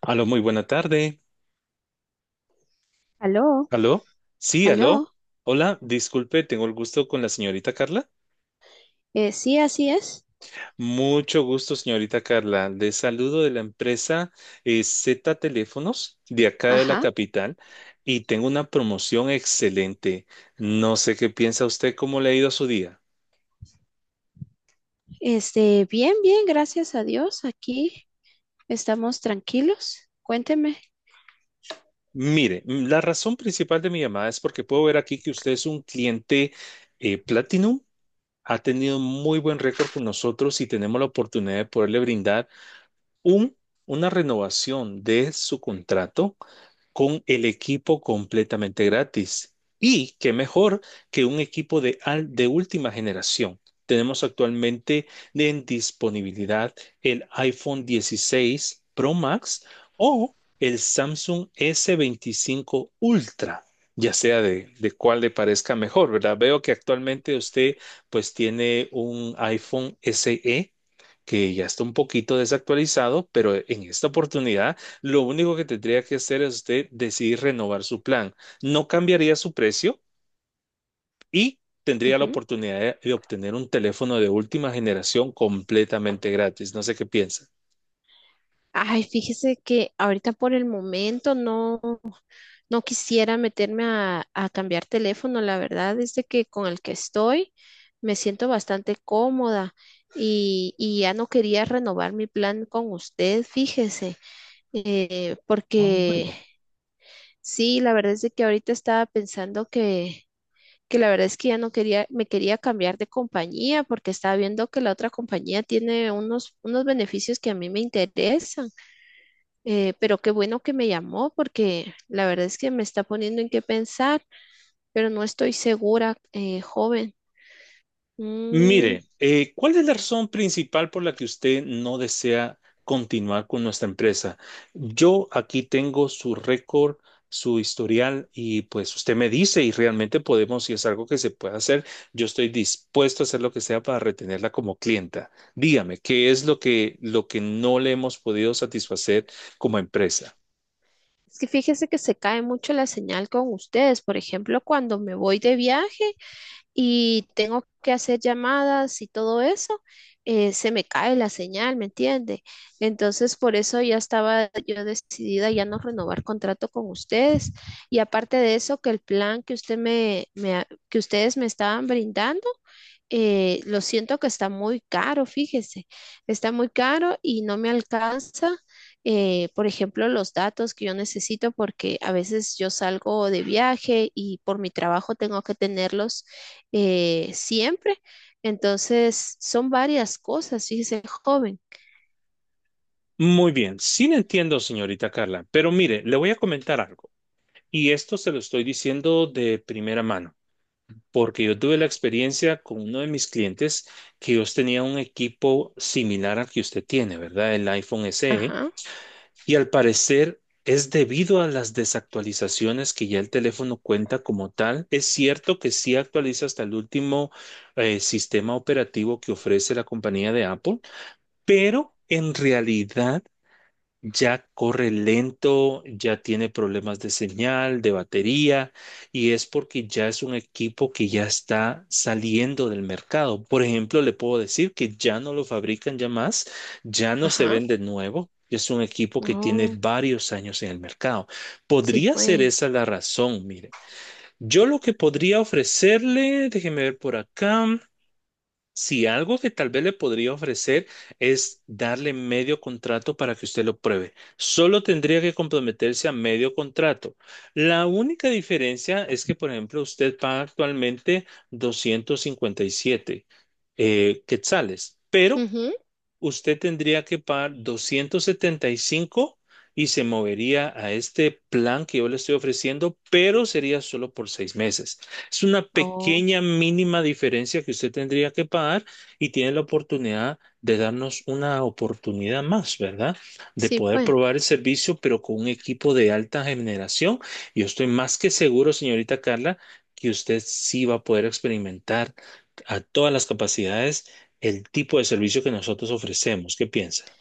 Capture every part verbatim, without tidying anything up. Aló, muy buena tarde. Aló, ¿Aló? Sí, aló. aló. Hola, disculpe, tengo el gusto con la señorita Carla. Eh, sí, así es. Mucho gusto, señorita Carla. Le saludo de la empresa eh, Z Teléfonos de acá de la Ajá. capital y tengo una promoción excelente. No sé qué piensa usted, cómo le ha ido su día. Este, bien, bien, gracias a Dios. Aquí estamos tranquilos. Cuénteme. Mire, mm, la razón principal de mi llamada es porque puedo ver aquí que usted es un cliente eh, Platinum. Ha tenido muy buen récord con nosotros y tenemos la oportunidad de poderle brindar un, una renovación de su contrato con el equipo completamente gratis. Y qué mejor que un equipo de, al- de última generación. Tenemos actualmente en disponibilidad el iPhone dieciséis Pro Max o el Samsung S veinticinco Ultra, ya sea de, de cuál le parezca mejor, ¿verdad? Veo que actualmente usted pues tiene un iPhone S E que ya está un poquito desactualizado, pero en esta oportunidad lo único que tendría que hacer es usted decidir renovar su plan. No cambiaría su precio y tendría la Ujú. oportunidad de, de obtener un teléfono de última generación completamente gratis. No sé qué piensa. Ay, fíjese que ahorita por el momento no, no quisiera meterme a, a cambiar teléfono. La verdad es de que con el que estoy me siento bastante cómoda y, y ya no quería renovar mi plan con usted, fíjese. Eh, Ah, Porque bueno. sí, la verdad es de que ahorita estaba pensando que que la verdad es que ya no quería, me quería cambiar de compañía porque estaba viendo que la otra compañía tiene unos, unos beneficios que a mí me interesan. Eh, pero qué bueno que me llamó porque la verdad es que me está poniendo en qué pensar, pero no estoy segura, eh, joven. Mm, Mire, eh, ¿cuál es la razón principal por la que usted no desea continuar con nuestra empresa? Yo aquí tengo su récord, su historial y pues usted me dice y realmente podemos, si es algo que se puede hacer, yo estoy dispuesto a hacer lo que sea para retenerla como clienta. Dígame, ¿qué es lo que, lo que no le hemos podido satisfacer como empresa? es que fíjese que se cae mucho la señal con ustedes. Por ejemplo, cuando me voy de viaje, y tengo que hacer llamadas y todo eso, eh, se me cae la señal, ¿me entiende? Entonces, por eso ya estaba yo decidida ya no renovar contrato con ustedes. Y aparte de eso, que el plan que usted me, me ha- que ustedes me estaban brindando eh, lo siento que está muy caro, fíjese, está muy caro y no me alcanza, eh, por ejemplo, los datos que yo necesito porque a veces yo salgo de viaje y por mi trabajo tengo que tenerlos eh, siempre. Entonces, son varias cosas, fíjese, joven. Muy bien, sí le entiendo, señorita Carla, pero mire, le voy a comentar algo y esto se lo estoy diciendo de primera mano. Porque yo tuve la experiencia con uno de mis clientes que ellos tenían un equipo similar al que usted tiene, ¿verdad? El iPhone S E. Ajá, Y al parecer es debido a las desactualizaciones que ya el teléfono cuenta como tal. Es cierto que sí actualiza hasta el último eh, sistema operativo que ofrece la compañía de Apple, pero en realidad ya corre lento, ya tiene problemas de señal, de batería, y es porque ya es un equipo que ya está saliendo del mercado. Por ejemplo, le puedo decir que ya no lo fabrican ya más, ya no se ajá. vende nuevo. Es un equipo que tiene Oh, varios años en el mercado. sí, Podría ser pues. esa la razón, mire. Yo lo que podría ofrecerle, déjeme ver por acá. Si algo que tal vez le podría ofrecer es darle medio contrato para que usted lo pruebe. Solo tendría que comprometerse a medio contrato. La única diferencia es que, por ejemplo, usted paga actualmente doscientos cincuenta y siete eh, quetzales, pero Ujú. usted tendría que pagar doscientos setenta y cinco y se movería a este plan que yo le estoy ofreciendo, pero sería solo por seis meses. Es una Oh, pequeña mínima diferencia que usted tendría que pagar y tiene la oportunidad de darnos una oportunidad más, ¿verdad? De sí, poder pues. probar el servicio, pero con un equipo de alta generación. Yo estoy más que seguro, señorita Carla, que usted sí va a poder experimentar a todas las capacidades el tipo de servicio que nosotros ofrecemos. ¿Qué piensa?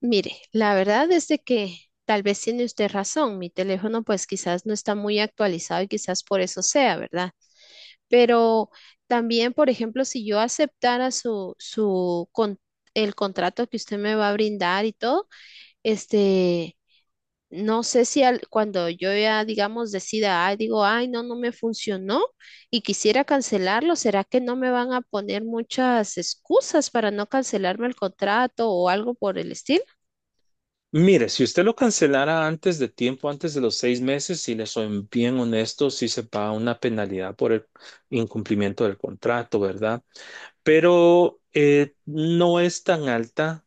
Mire, la verdad es de que tal vez tiene usted razón, mi teléfono pues quizás no está muy actualizado y quizás por eso sea, ¿verdad? Pero también, por ejemplo, si yo aceptara su, su con- el contrato que usted me va a brindar y todo, este, no sé si al- cuando yo ya, digamos, decida, ay, digo, ay, no, no me funcionó y quisiera cancelarlo, ¿será que no me van a poner muchas excusas para no cancelarme el contrato o algo por el estilo? Mire, si usted lo cancelara antes de tiempo, antes de los seis meses, si le soy bien honesto, sí se paga una penalidad por el incumplimiento del contrato, ¿verdad? Pero eh, no es tan alta.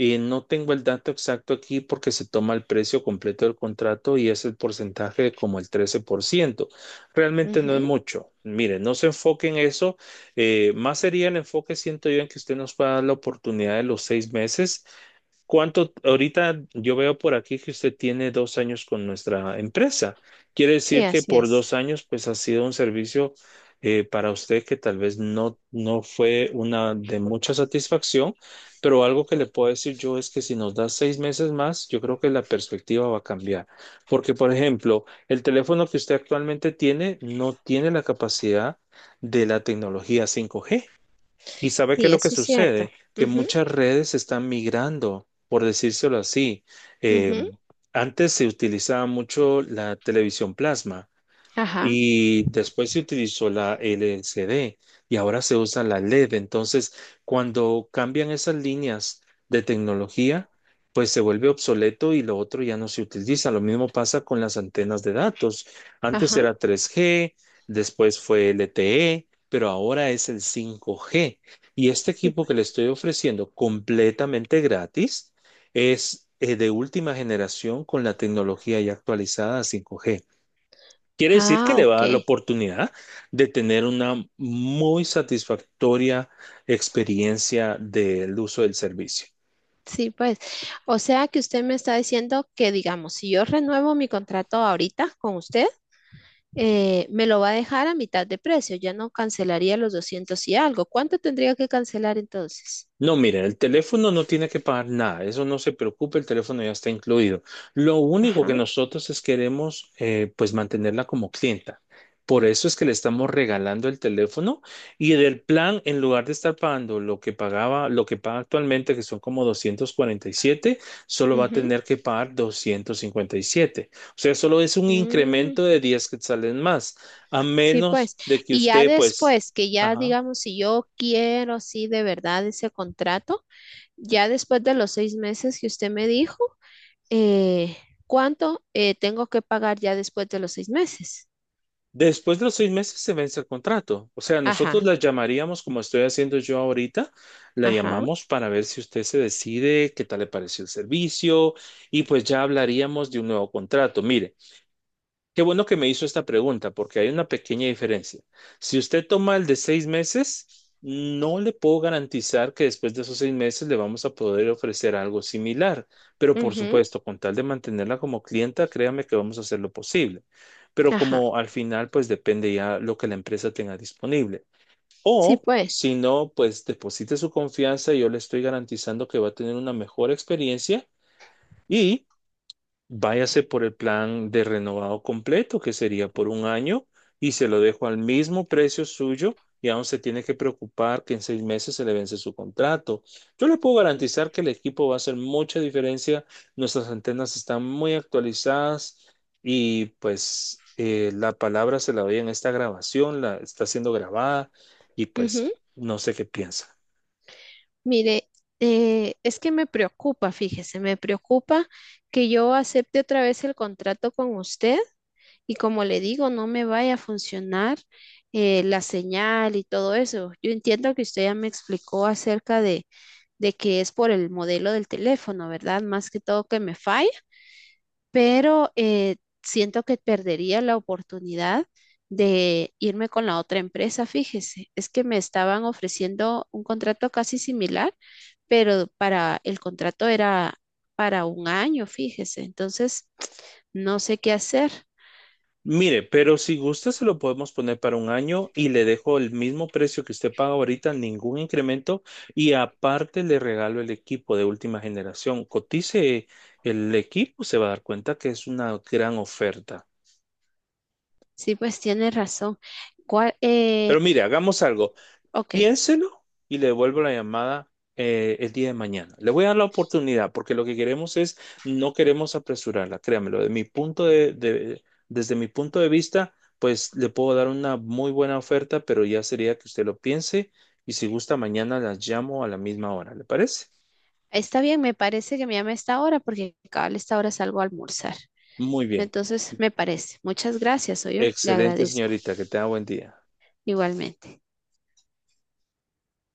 Y no tengo el dato exacto aquí porque se toma el precio completo del contrato y es el porcentaje de como el trece por ciento. Realmente no es Ujú. mucho. Mire, no se enfoque en eso. Eh, más sería el enfoque, siento yo, en que usted nos pueda dar la oportunidad de los seis meses. ¿Cuánto ahorita yo veo por aquí que usted tiene dos años con nuestra empresa? Quiere Sí, decir que así por es. dos años, pues ha sido un servicio eh, para usted que tal vez no, no fue una de mucha satisfacción, pero algo que le puedo decir yo es que si nos da seis meses más, yo creo que la perspectiva va a cambiar. Porque, por ejemplo, el teléfono que usted actualmente tiene no tiene la capacidad de la tecnología cinco G. ¿Y sabe qué es Sí, lo que eso es cierto. sucede? Que Ujú, muchas redes están migrando, por decírselo así. Eh, ujú, Antes se utilizaba mucho la televisión plasma. ajá, Y después se utilizó la L C D y ahora se usa la LED. Entonces, cuando cambian esas líneas de tecnología, pues se vuelve obsoleto y lo otro ya no se utiliza. Lo mismo pasa con las antenas de datos. Antes ajá. era tres G, después fue L T E, pero ahora es el cinco G. Y este Sí, equipo que le pues. estoy ofreciendo completamente gratis es eh, de última generación con la tecnología ya actualizada a cinco G. Quiere decir que Ah, le va a ok. dar la oportunidad de tener una muy satisfactoria experiencia del uso del servicio. Sí, pues. O sea que usted me está diciendo que, digamos, si yo renuevo mi contrato ahorita con usted, eh, me lo va a dejar a mitad de precio. Ya no cancelaría los doscientos y algo. ¿Cuánto tendría que cancelar entonces? No, miren, el teléfono no tiene que pagar nada, eso no se preocupe, el teléfono ya está incluido. Lo único que Ajá. nosotros es queremos, eh, pues mantenerla como clienta. Por eso es que le estamos regalando el teléfono y del plan, en lugar de estar pagando lo que pagaba, lo que paga actualmente, que son como doscientos cuarenta y siete, solo va a Ujú, tener que pagar doscientos cincuenta y siete. O sea, solo es un mm, incremento de diez quetzales más, a sí, menos pues. de que Y ya usted, pues, después, que ya, ajá. digamos, si yo quiero, sí, de verdad ese contrato. Ya después de los seis meses que usted me dijo, eh, ¿cuánto eh, tengo que pagar ya después de los seis meses? Después de los seis meses se vence el contrato. O sea, nosotros Ajá, la llamaríamos, como estoy haciendo yo ahorita, la ajá, llamamos para ver si usted se decide, qué tal le pareció el servicio, y pues ya hablaríamos de un nuevo contrato. Mire, qué bueno que me hizo esta pregunta, porque hay una pequeña diferencia. Si usted toma el de seis meses, no le puedo garantizar que después de esos seis meses le vamos a poder ofrecer algo similar, pero por ujú, supuesto, con tal de mantenerla como clienta, créame que vamos a hacer lo posible. Pero ajá. como al final, pues depende ya lo que la empresa tenga disponible. Sí, O pues. si no, pues deposite su confianza y yo le estoy garantizando que va a tener una mejor experiencia. Y váyase por el plan de renovado completo, que sería por un año, y se lo dejo al mismo precio suyo, y aún se tiene que preocupar que en seis meses se le vence su contrato. Yo le puedo garantizar que el equipo va a hacer mucha diferencia, nuestras antenas están muy actualizadas y pues eh, la palabra se la doy en esta grabación, la está siendo grabada y pues Ujú. no sé qué piensa. Mire, eh, es que me preocupa, fíjese, me preocupa que yo acepte otra vez el contrato con usted y como le digo, no me vaya a funcionar eh, la señal y todo eso. Yo entiendo que usted ya me explicó acerca de de que es por el modelo del teléfono, ¿verdad? Más que todo que me falla, pero eh, siento que perdería la oportunidad de irme con la otra empresa, fíjese, es que me estaban ofreciendo un contrato casi similar, pero para el contrato era para un año, fíjese, entonces no sé qué hacer. Mire, pero si gusta se lo podemos poner para un año y le dejo el mismo precio que usted paga ahorita, ningún incremento y aparte le regalo el equipo de última generación. Cotice el equipo, se va a dar cuenta que es una gran oferta. Sí, pues tiene razón. ¿Cuál? Pero eh, mire, hagamos algo. Ok, Piénselo y le devuelvo la llamada eh, el día de mañana. Le voy a dar la oportunidad porque lo que queremos es, no queremos apresurarla, créamelo, de mi punto de, de- desde mi punto de vista, pues le puedo dar una muy buena oferta, pero ya sería que usted lo piense y si gusta mañana las llamo a la misma hora, ¿le parece? está bien, me parece que me llame a esta hora porque cabal a esta hora salgo a almorzar. Muy bien. Entonces, me parece. Muchas gracias, soy yo. Le Excelente, agradezco señorita, que tenga buen día. igualmente.